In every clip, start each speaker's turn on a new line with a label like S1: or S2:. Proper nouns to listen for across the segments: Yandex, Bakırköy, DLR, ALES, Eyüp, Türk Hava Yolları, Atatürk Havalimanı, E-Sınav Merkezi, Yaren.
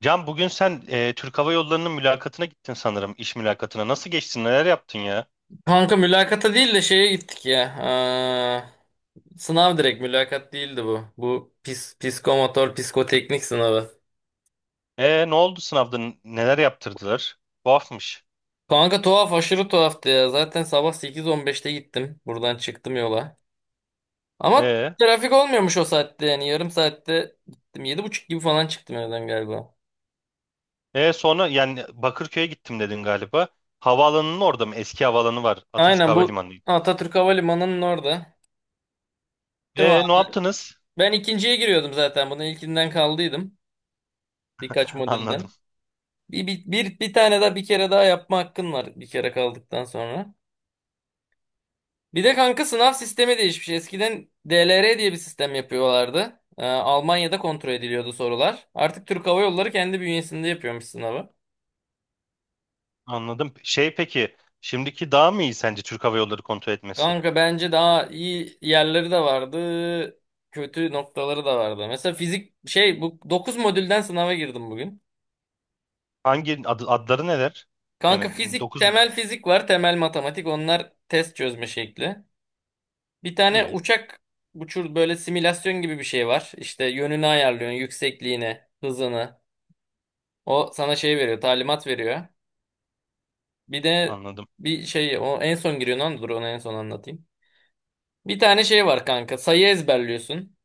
S1: Can bugün sen Türk Hava Yolları'nın mülakatına gittin sanırım, iş mülakatına. Nasıl geçtin, neler yaptın ya?
S2: Kanka mülakata değil de şeye gittik ya. Sınav direkt mülakat değildi bu. Bu psikomotor, psikoteknik sınavı.
S1: E ne oldu sınavda, neler yaptırdılar? Tuhafmış.
S2: Kanka tuhaf, aşırı tuhaftı ya. Zaten sabah 8:15'te gittim. Buradan çıktım yola. Ama
S1: E,
S2: trafik olmuyormuş o saatte yani. Yarım saatte gittim. Yedi buçuk gibi falan çıktım evden galiba.
S1: sonra yani Bakırköy'e gittim dedin galiba. Havaalanının orada mı? Eski havaalanı var. Atatürk
S2: Aynen, bu
S1: Havalimanı.
S2: Atatürk Havalimanı'nın orada. Değil mi
S1: E ne
S2: abi?
S1: yaptınız?
S2: Ben ikinciye giriyordum zaten. Bunun ilkinden kaldıydım. Birkaç
S1: Anladım,
S2: modülden. Bir tane daha, bir kere daha yapma hakkın var bir kere kaldıktan sonra. Bir de kanka sınav sistemi değişmiş. Eskiden DLR diye bir sistem yapıyorlardı. Almanya'da kontrol ediliyordu sorular. Artık Türk Hava Yolları kendi bünyesinde yapıyormuş sınavı.
S1: anladım. Şey peki, şimdiki daha mı iyi sence Türk Hava Yolları kontrol etmesi?
S2: Kanka bence daha iyi yerleri de vardı. Kötü noktaları da vardı. Mesela fizik, şey, bu 9 modülden sınava girdim bugün.
S1: Hangi adları neler?
S2: Kanka
S1: Yani
S2: fizik,
S1: 9
S2: temel
S1: modül.
S2: fizik var, temel matematik, onlar test çözme şekli. Bir tane
S1: İyi,
S2: uçak uçur, böyle simülasyon gibi bir şey var. İşte yönünü ayarlıyorsun, yüksekliğini, hızını. O sana şey veriyor, talimat veriyor. Bir de
S1: anladım.
S2: bir şey, o en son giriyor lan, dur onu en son anlatayım. Bir tane şey var kanka. Sayı ezberliyorsun.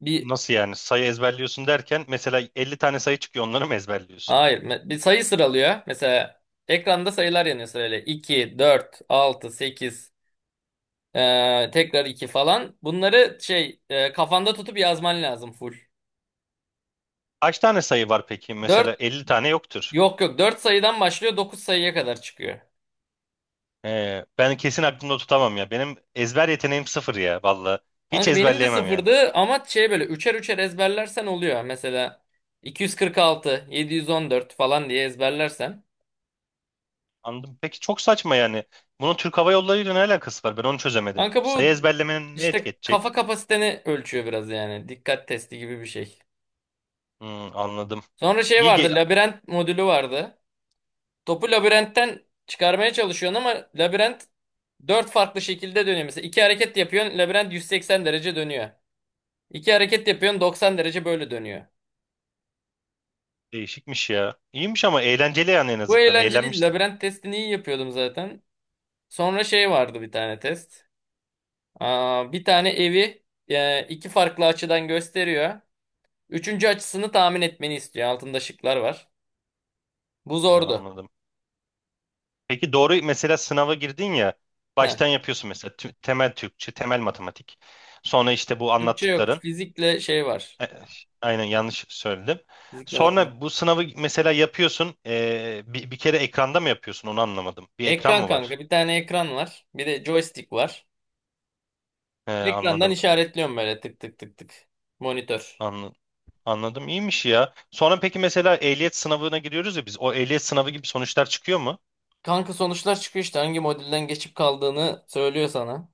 S2: Bir
S1: Nasıl yani? Sayı ezberliyorsun derken mesela 50 tane sayı çıkıyor onları mı ezberliyorsun?
S2: hayır, bir sayı sıralıyor. Mesela ekranda sayılar yanıyor sırayla. 2, 4, 6, 8, tekrar 2 falan. Bunları şey, kafanda tutup yazman lazım full.
S1: Kaç tane sayı var peki? Mesela
S2: Dört
S1: 50 tane yoktur.
S2: Yok yok, 4 sayıdan başlıyor, 9 sayıya kadar çıkıyor.
S1: Ben kesin aklımda tutamam ya. Benim ezber yeteneğim sıfır ya valla. Hiç
S2: Kanka benim de
S1: ezberleyemem yani.
S2: sıfırdı ama şey, böyle üçer üçer ezberlersen oluyor. Mesela 246, 714 falan diye ezberlersen.
S1: Anladım. Peki çok saçma yani. Bunun Türk Hava Yolları ile ne alakası var? Ben onu çözemedim.
S2: Kanka
S1: Sayı
S2: bu
S1: ezberlemenin ne etki
S2: işte kafa
S1: edecek?
S2: kapasiteni ölçüyor biraz yani. Dikkat testi gibi bir şey.
S1: Hmm, anladım.
S2: Sonra şey
S1: İyi,
S2: vardı, labirent modülü vardı. Topu labirentten çıkarmaya çalışıyorsun ama labirent 4 farklı şekilde dönüyor. Mesela iki hareket yapıyorsun, labirent 180 derece dönüyor. İki hareket yapıyorsun, 90 derece böyle dönüyor.
S1: değişikmiş ya. İyiymiş ama eğlenceli yani en
S2: Bu
S1: azından.
S2: eğlenceliydi.
S1: Eğlenmişsin.
S2: Labirent testini iyi yapıyordum zaten. Sonra şey vardı, bir tane test. Bir tane evi, iki farklı açıdan gösteriyor. Üçüncü açısını tahmin etmeni istiyor. Altında şıklar var. Bu
S1: Ya,
S2: zordu.
S1: anladım. Peki doğru mesela sınava girdin ya
S2: Heh.
S1: baştan yapıyorsun mesela temel Türkçe, temel matematik. Sonra işte bu
S2: Türkçe yok.
S1: anlattıkların
S2: Fizikle şey var.
S1: e, aynen yanlış söyledim.
S2: Fizikle
S1: Sonra
S2: matematik.
S1: bu sınavı mesela yapıyorsun bir kere ekranda mı yapıyorsun onu anlamadım. Bir ekran
S2: Ekran
S1: mı
S2: kanka.
S1: var?
S2: Bir tane ekran var. Bir de joystick var.
S1: E,
S2: Ekrandan
S1: anladım.
S2: işaretliyorum böyle, tık tık tık tık. Monitör.
S1: Anla- anladım. İyiymiş ya. Sonra peki mesela ehliyet sınavına giriyoruz ya biz. O ehliyet sınavı gibi sonuçlar çıkıyor mu?
S2: Kanka sonuçlar çıkıyor işte. Hangi modülden geçip kaldığını söylüyor sana.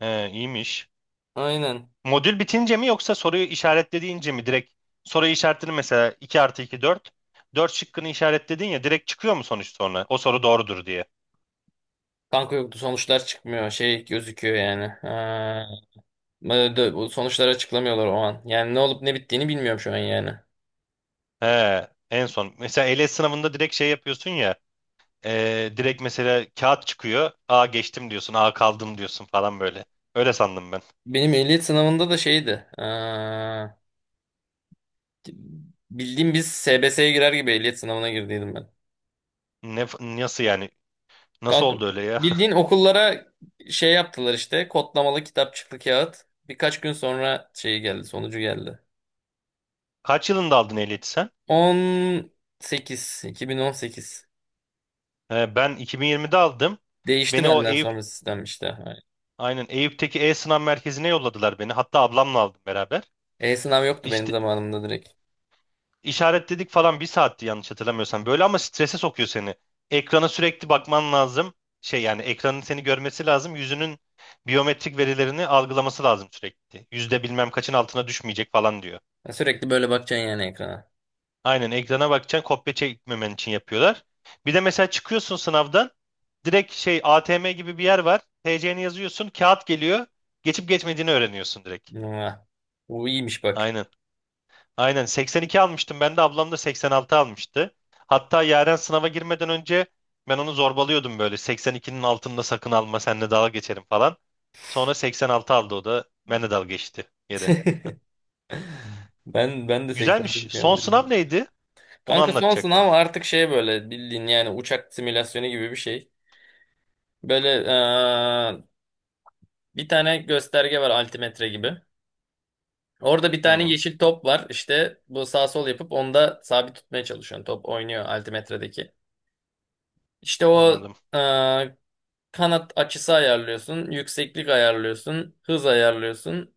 S1: E, iyiymiş.
S2: Aynen.
S1: Modül bitince mi yoksa soruyu işaretlediğince mi direkt soruyu işaretledin mesela 2 artı 2 4. 4 şıkkını işaretledin ya direkt çıkıyor mu sonuç sonra? O soru doğrudur diye.
S2: Kanka yoktu, sonuçlar çıkmıyor, şey gözüküyor yani. Ha, böyle bu sonuçları açıklamıyorlar o an. Yani ne olup ne bittiğini bilmiyorum şu an yani.
S1: He, en son. Mesela ALES sınavında direkt şey yapıyorsun ya. Direkt mesela kağıt çıkıyor. A geçtim diyorsun. A kaldım diyorsun falan böyle. Öyle sandım ben.
S2: Benim ehliyet sınavında da şeydi. Ha, bildiğim biz SBS'ye girer gibi ehliyet sınavına girdiydim ben.
S1: Ne, nasıl yani? Nasıl
S2: Kanka
S1: oldu öyle ya?
S2: bildiğin okullara şey yaptılar işte, kodlamalı kitapçıklı kağıt. Birkaç gün sonra şey geldi, sonucu geldi.
S1: Kaç yılında aldın ehliyeti sen?
S2: 18 2018.
S1: He, ben 2020'de aldım.
S2: Değişti
S1: Beni o
S2: benden
S1: Eyüp
S2: sonra sistem işte.
S1: Aynen Eyüp'teki E-Sınav Merkezi'ne yolladılar beni. Hatta ablamla aldım beraber.
S2: E-sınav yoktu benim
S1: İşte
S2: zamanımda direkt.
S1: İşaretledik falan bir saatti yanlış hatırlamıyorsam böyle ama strese sokuyor seni. Ekrana sürekli bakman lazım. Şey yani ekranın seni görmesi lazım. Yüzünün biyometrik verilerini algılaması lazım sürekli. Yüzde bilmem kaçın altına düşmeyecek falan diyor.
S2: Ya, sürekli böyle bakacaksın yani ekrana.
S1: Aynen ekrana bakacaksın kopya çekmemen için yapıyorlar. Bir de mesela çıkıyorsun sınavdan direkt şey ATM gibi bir yer var. TC'ni yazıyorsun kağıt geliyor. Geçip geçmediğini öğreniyorsun direkt.
S2: Mua. Bu iyiymiş bak.
S1: Aynen. Aynen 82 almıştım ben de ablam da 86 almıştı. Hatta Yaren sınava girmeden önce ben onu zorbalıyordum böyle 82'nin altında sakın alma seninle dalga geçerim falan. Sonra 86 aldı o da benle dalga geçti yere.
S2: Ben de 80'de
S1: Güzelmiş.
S2: şu an
S1: Son sınav
S2: dedim.
S1: neydi? Onu
S2: Kanka son
S1: anlatacaktın.
S2: sınav artık şey, böyle bildiğin yani uçak simülasyonu gibi bir şey. Böyle, bir tane gösterge var, altimetre gibi. Orada bir tane
S1: Hı,
S2: yeşil top var. İşte bu sağ sol yapıp onda sabit tutmaya çalışıyorsun. Top oynuyor altimetredeki. İşte o
S1: anladım.
S2: eee, kanat açısı ayarlıyorsun, yükseklik ayarlıyorsun, hız ayarlıyorsun.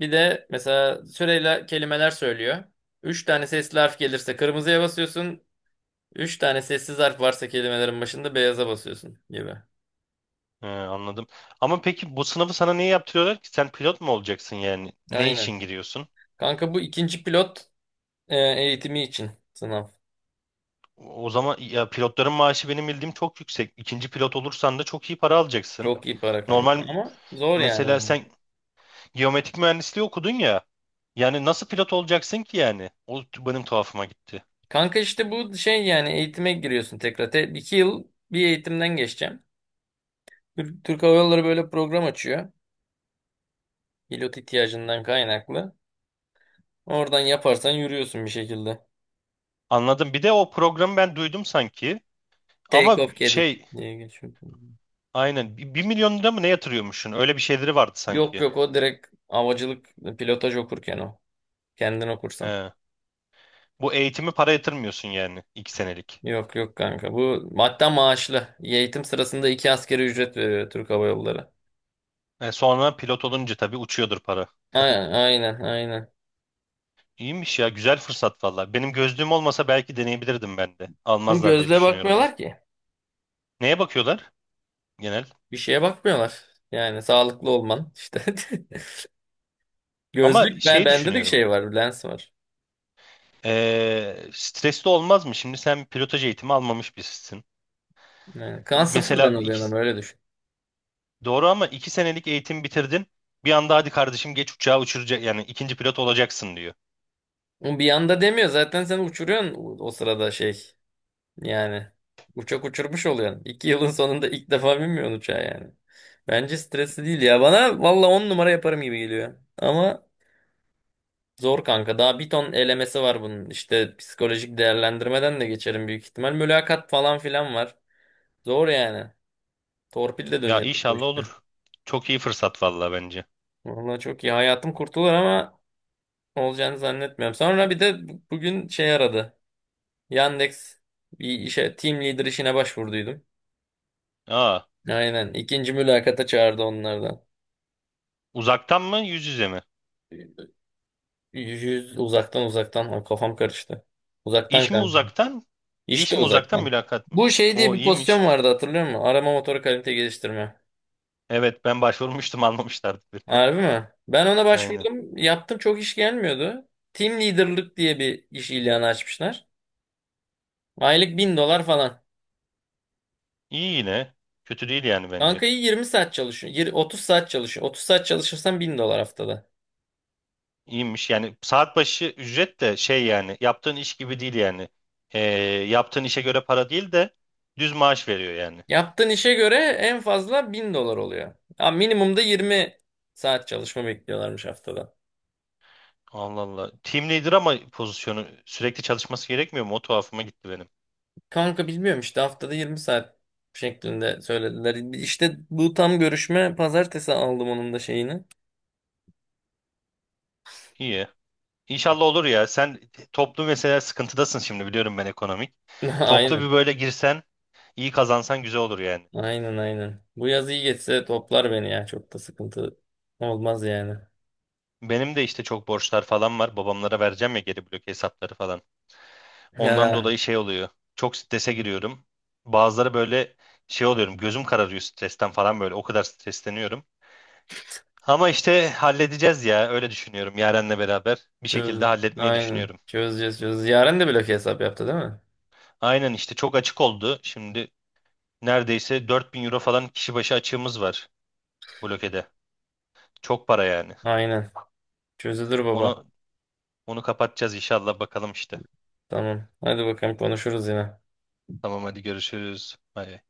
S2: Bir de mesela süreyle kelimeler söylüyor. Üç tane sesli harf gelirse kırmızıya basıyorsun. Üç tane sessiz harf varsa kelimelerin başında beyaza basıyorsun gibi.
S1: He, anladım. Ama peki bu sınavı sana niye yaptırıyorlar ki? Sen pilot mu olacaksın yani? Ne için
S2: Aynen.
S1: giriyorsun?
S2: Kanka bu ikinci pilot eğitimi için sınav.
S1: O zaman ya pilotların maaşı benim bildiğim çok yüksek. İkinci pilot olursan da çok iyi para alacaksın.
S2: Çok iyi para kanka
S1: Normal,
S2: ama zor yani
S1: mesela
S2: onun.
S1: sen Geometrik mühendisliği okudun ya. Yani nasıl pilot olacaksın ki yani? Benim tuhafıma gitti.
S2: Kanka işte bu şey yani, eğitime giriyorsun tekrar. İki yıl bir eğitimden geçeceğim. Türk Hava Yolları böyle program açıyor. Pilot ihtiyacından kaynaklı. Oradan yaparsan yürüyorsun bir şekilde.
S1: Anladım. Bir de o programı ben duydum sanki.
S2: Take
S1: Ama
S2: off cadet
S1: şey
S2: diye geçiyor.
S1: aynen 1.000.000 lira mı ne yatırıyormuşsun? Öyle bir şeyleri vardı
S2: Yok
S1: sanki.
S2: yok, o direkt havacılık, pilotaj okurken o. Kendin okursan.
S1: He. Bu eğitimi para yatırmıyorsun yani 2 senelik.
S2: Yok yok kanka. Bu hatta maaşlı. Eğitim sırasında iki askeri ücret veriyor Türk Hava Yolları.
S1: E sonra pilot olunca tabii uçuyordur para.
S2: Aynen, aynen, aynen.
S1: İyiymiş ya güzel fırsat valla. Benim gözlüğüm olmasa belki deneyebilirdim ben de.
S2: Bu
S1: Almazlar diye
S2: gözle
S1: düşünüyorum ben.
S2: bakmıyorlar ki.
S1: Neye bakıyorlar genel?
S2: Bir şeye bakmıyorlar. Yani sağlıklı olman işte.
S1: Ama
S2: Gözlük,
S1: şey
S2: bende de
S1: düşünüyorum.
S2: şey var, lens var.
S1: Stresli olmaz mı? Şimdi sen pilotaj eğitimi almamış birisin.
S2: Yani kan sıfırdan
S1: Mesela
S2: oluyor
S1: iki,
S2: ama öyle düşün.
S1: doğru ama 2 senelik eğitim bitirdin. Bir anda hadi kardeşim geç uçağı uçuracak yani ikinci pilot olacaksın diyor.
S2: Ama bir anda demiyor zaten, seni uçuruyorsun o sırada şey, yani uçak uçurmuş oluyorsun. İki yılın sonunda ilk defa binmiyorsun uçağa yani. Bence stresli değil ya. Bana valla on numara yaparım gibi geliyor. Ama zor kanka. Daha bir ton elemesi var bunun. İşte psikolojik değerlendirmeden de geçerim büyük ihtimal. Mülakat falan filan var. Zor yani. Torpil de
S1: Ya
S2: dönüyor bu
S1: inşallah
S2: işte.
S1: olur. Çok iyi fırsat vallahi bence.
S2: Valla çok iyi. Hayatım kurtulur ama olacağını zannetmiyorum. Sonra bir de bugün şey aradı. Yandex, bir işe, team leader işine başvurduydum.
S1: Aa,
S2: Aynen. İkinci mülakata çağırdı onlardan.
S1: uzaktan mı yüz yüze mi?
S2: Uzaktan, uzaktan. Ay, kafam karıştı. Uzaktan
S1: İş mi
S2: kanka.
S1: uzaktan? İş
S2: İşte
S1: mi uzaktan
S2: uzaktan.
S1: mülakat mı?
S2: Bu şey diye
S1: O
S2: bir pozisyon
S1: iyiymiş.
S2: vardı, hatırlıyor musun? Arama motoru kalite geliştirme.
S1: Evet ben başvurmuştum almamışlardı beni.
S2: Harbi mi? Ben ona
S1: Aynen.
S2: başvurdum. Yaptım, çok iş gelmiyordu. Team leader'lık diye bir iş ilanı açmışlar. Aylık $1.000 falan.
S1: İyi yine. Kötü değil yani bence.
S2: Kanka iyi, 20 saat çalışıyor. 30 saat çalışıyor. 30 saat çalışırsan $1.000 haftada.
S1: İyiymiş yani saat başı ücret de şey yani yaptığın iş gibi değil yani. Ee, yaptığın işe göre para değil de düz maaş veriyor yani.
S2: Yaptığın işe göre en fazla $1.000 oluyor. Ha, minimumda 20 saat çalışma bekliyorlarmış haftada.
S1: Allah Allah. Team leader ama pozisyonu sürekli çalışması gerekmiyor mu? O tuhafıma gitti benim.
S2: Kanka bilmiyorum işte, haftada 20 saat şeklinde söylediler. İşte bu tam görüşme, pazartesi aldım onun da şeyini.
S1: İyi. İnşallah olur ya. Sen toplu mesela sıkıntıdasın şimdi biliyorum ben ekonomik. Toplu
S2: Aynen.
S1: bir böyle girsen iyi kazansan güzel olur yani.
S2: Aynen, aynen. Bu yaz iyi geçse toplar beni ya. Çok da sıkıntı olmaz yani.
S1: Benim de işte çok borçlar falan var. Babamlara vereceğim ya geri blok hesapları falan. Ondan
S2: Ya,
S1: dolayı şey oluyor. Çok strese giriyorum. Bazıları böyle şey oluyorum. Gözüm kararıyor stresten falan böyle. O kadar stresleniyorum. Ama işte halledeceğiz ya. Öyle düşünüyorum. Yaren'le beraber bir şekilde
S2: çöz.
S1: halletmeyi
S2: Aynen.
S1: düşünüyorum.
S2: Çözeceğiz, çözeceğiz. Yaren de blok hesap yaptı değil mi?
S1: Aynen işte çok açık oldu. Şimdi neredeyse 4.000 euro falan kişi başı açığımız var blokede. Çok para yani.
S2: Aynen. Çözülür baba.
S1: Onu onu kapatacağız inşallah bakalım işte.
S2: Tamam. Hadi bakalım, konuşuruz yine.
S1: Tamam hadi görüşürüz. Bay bay.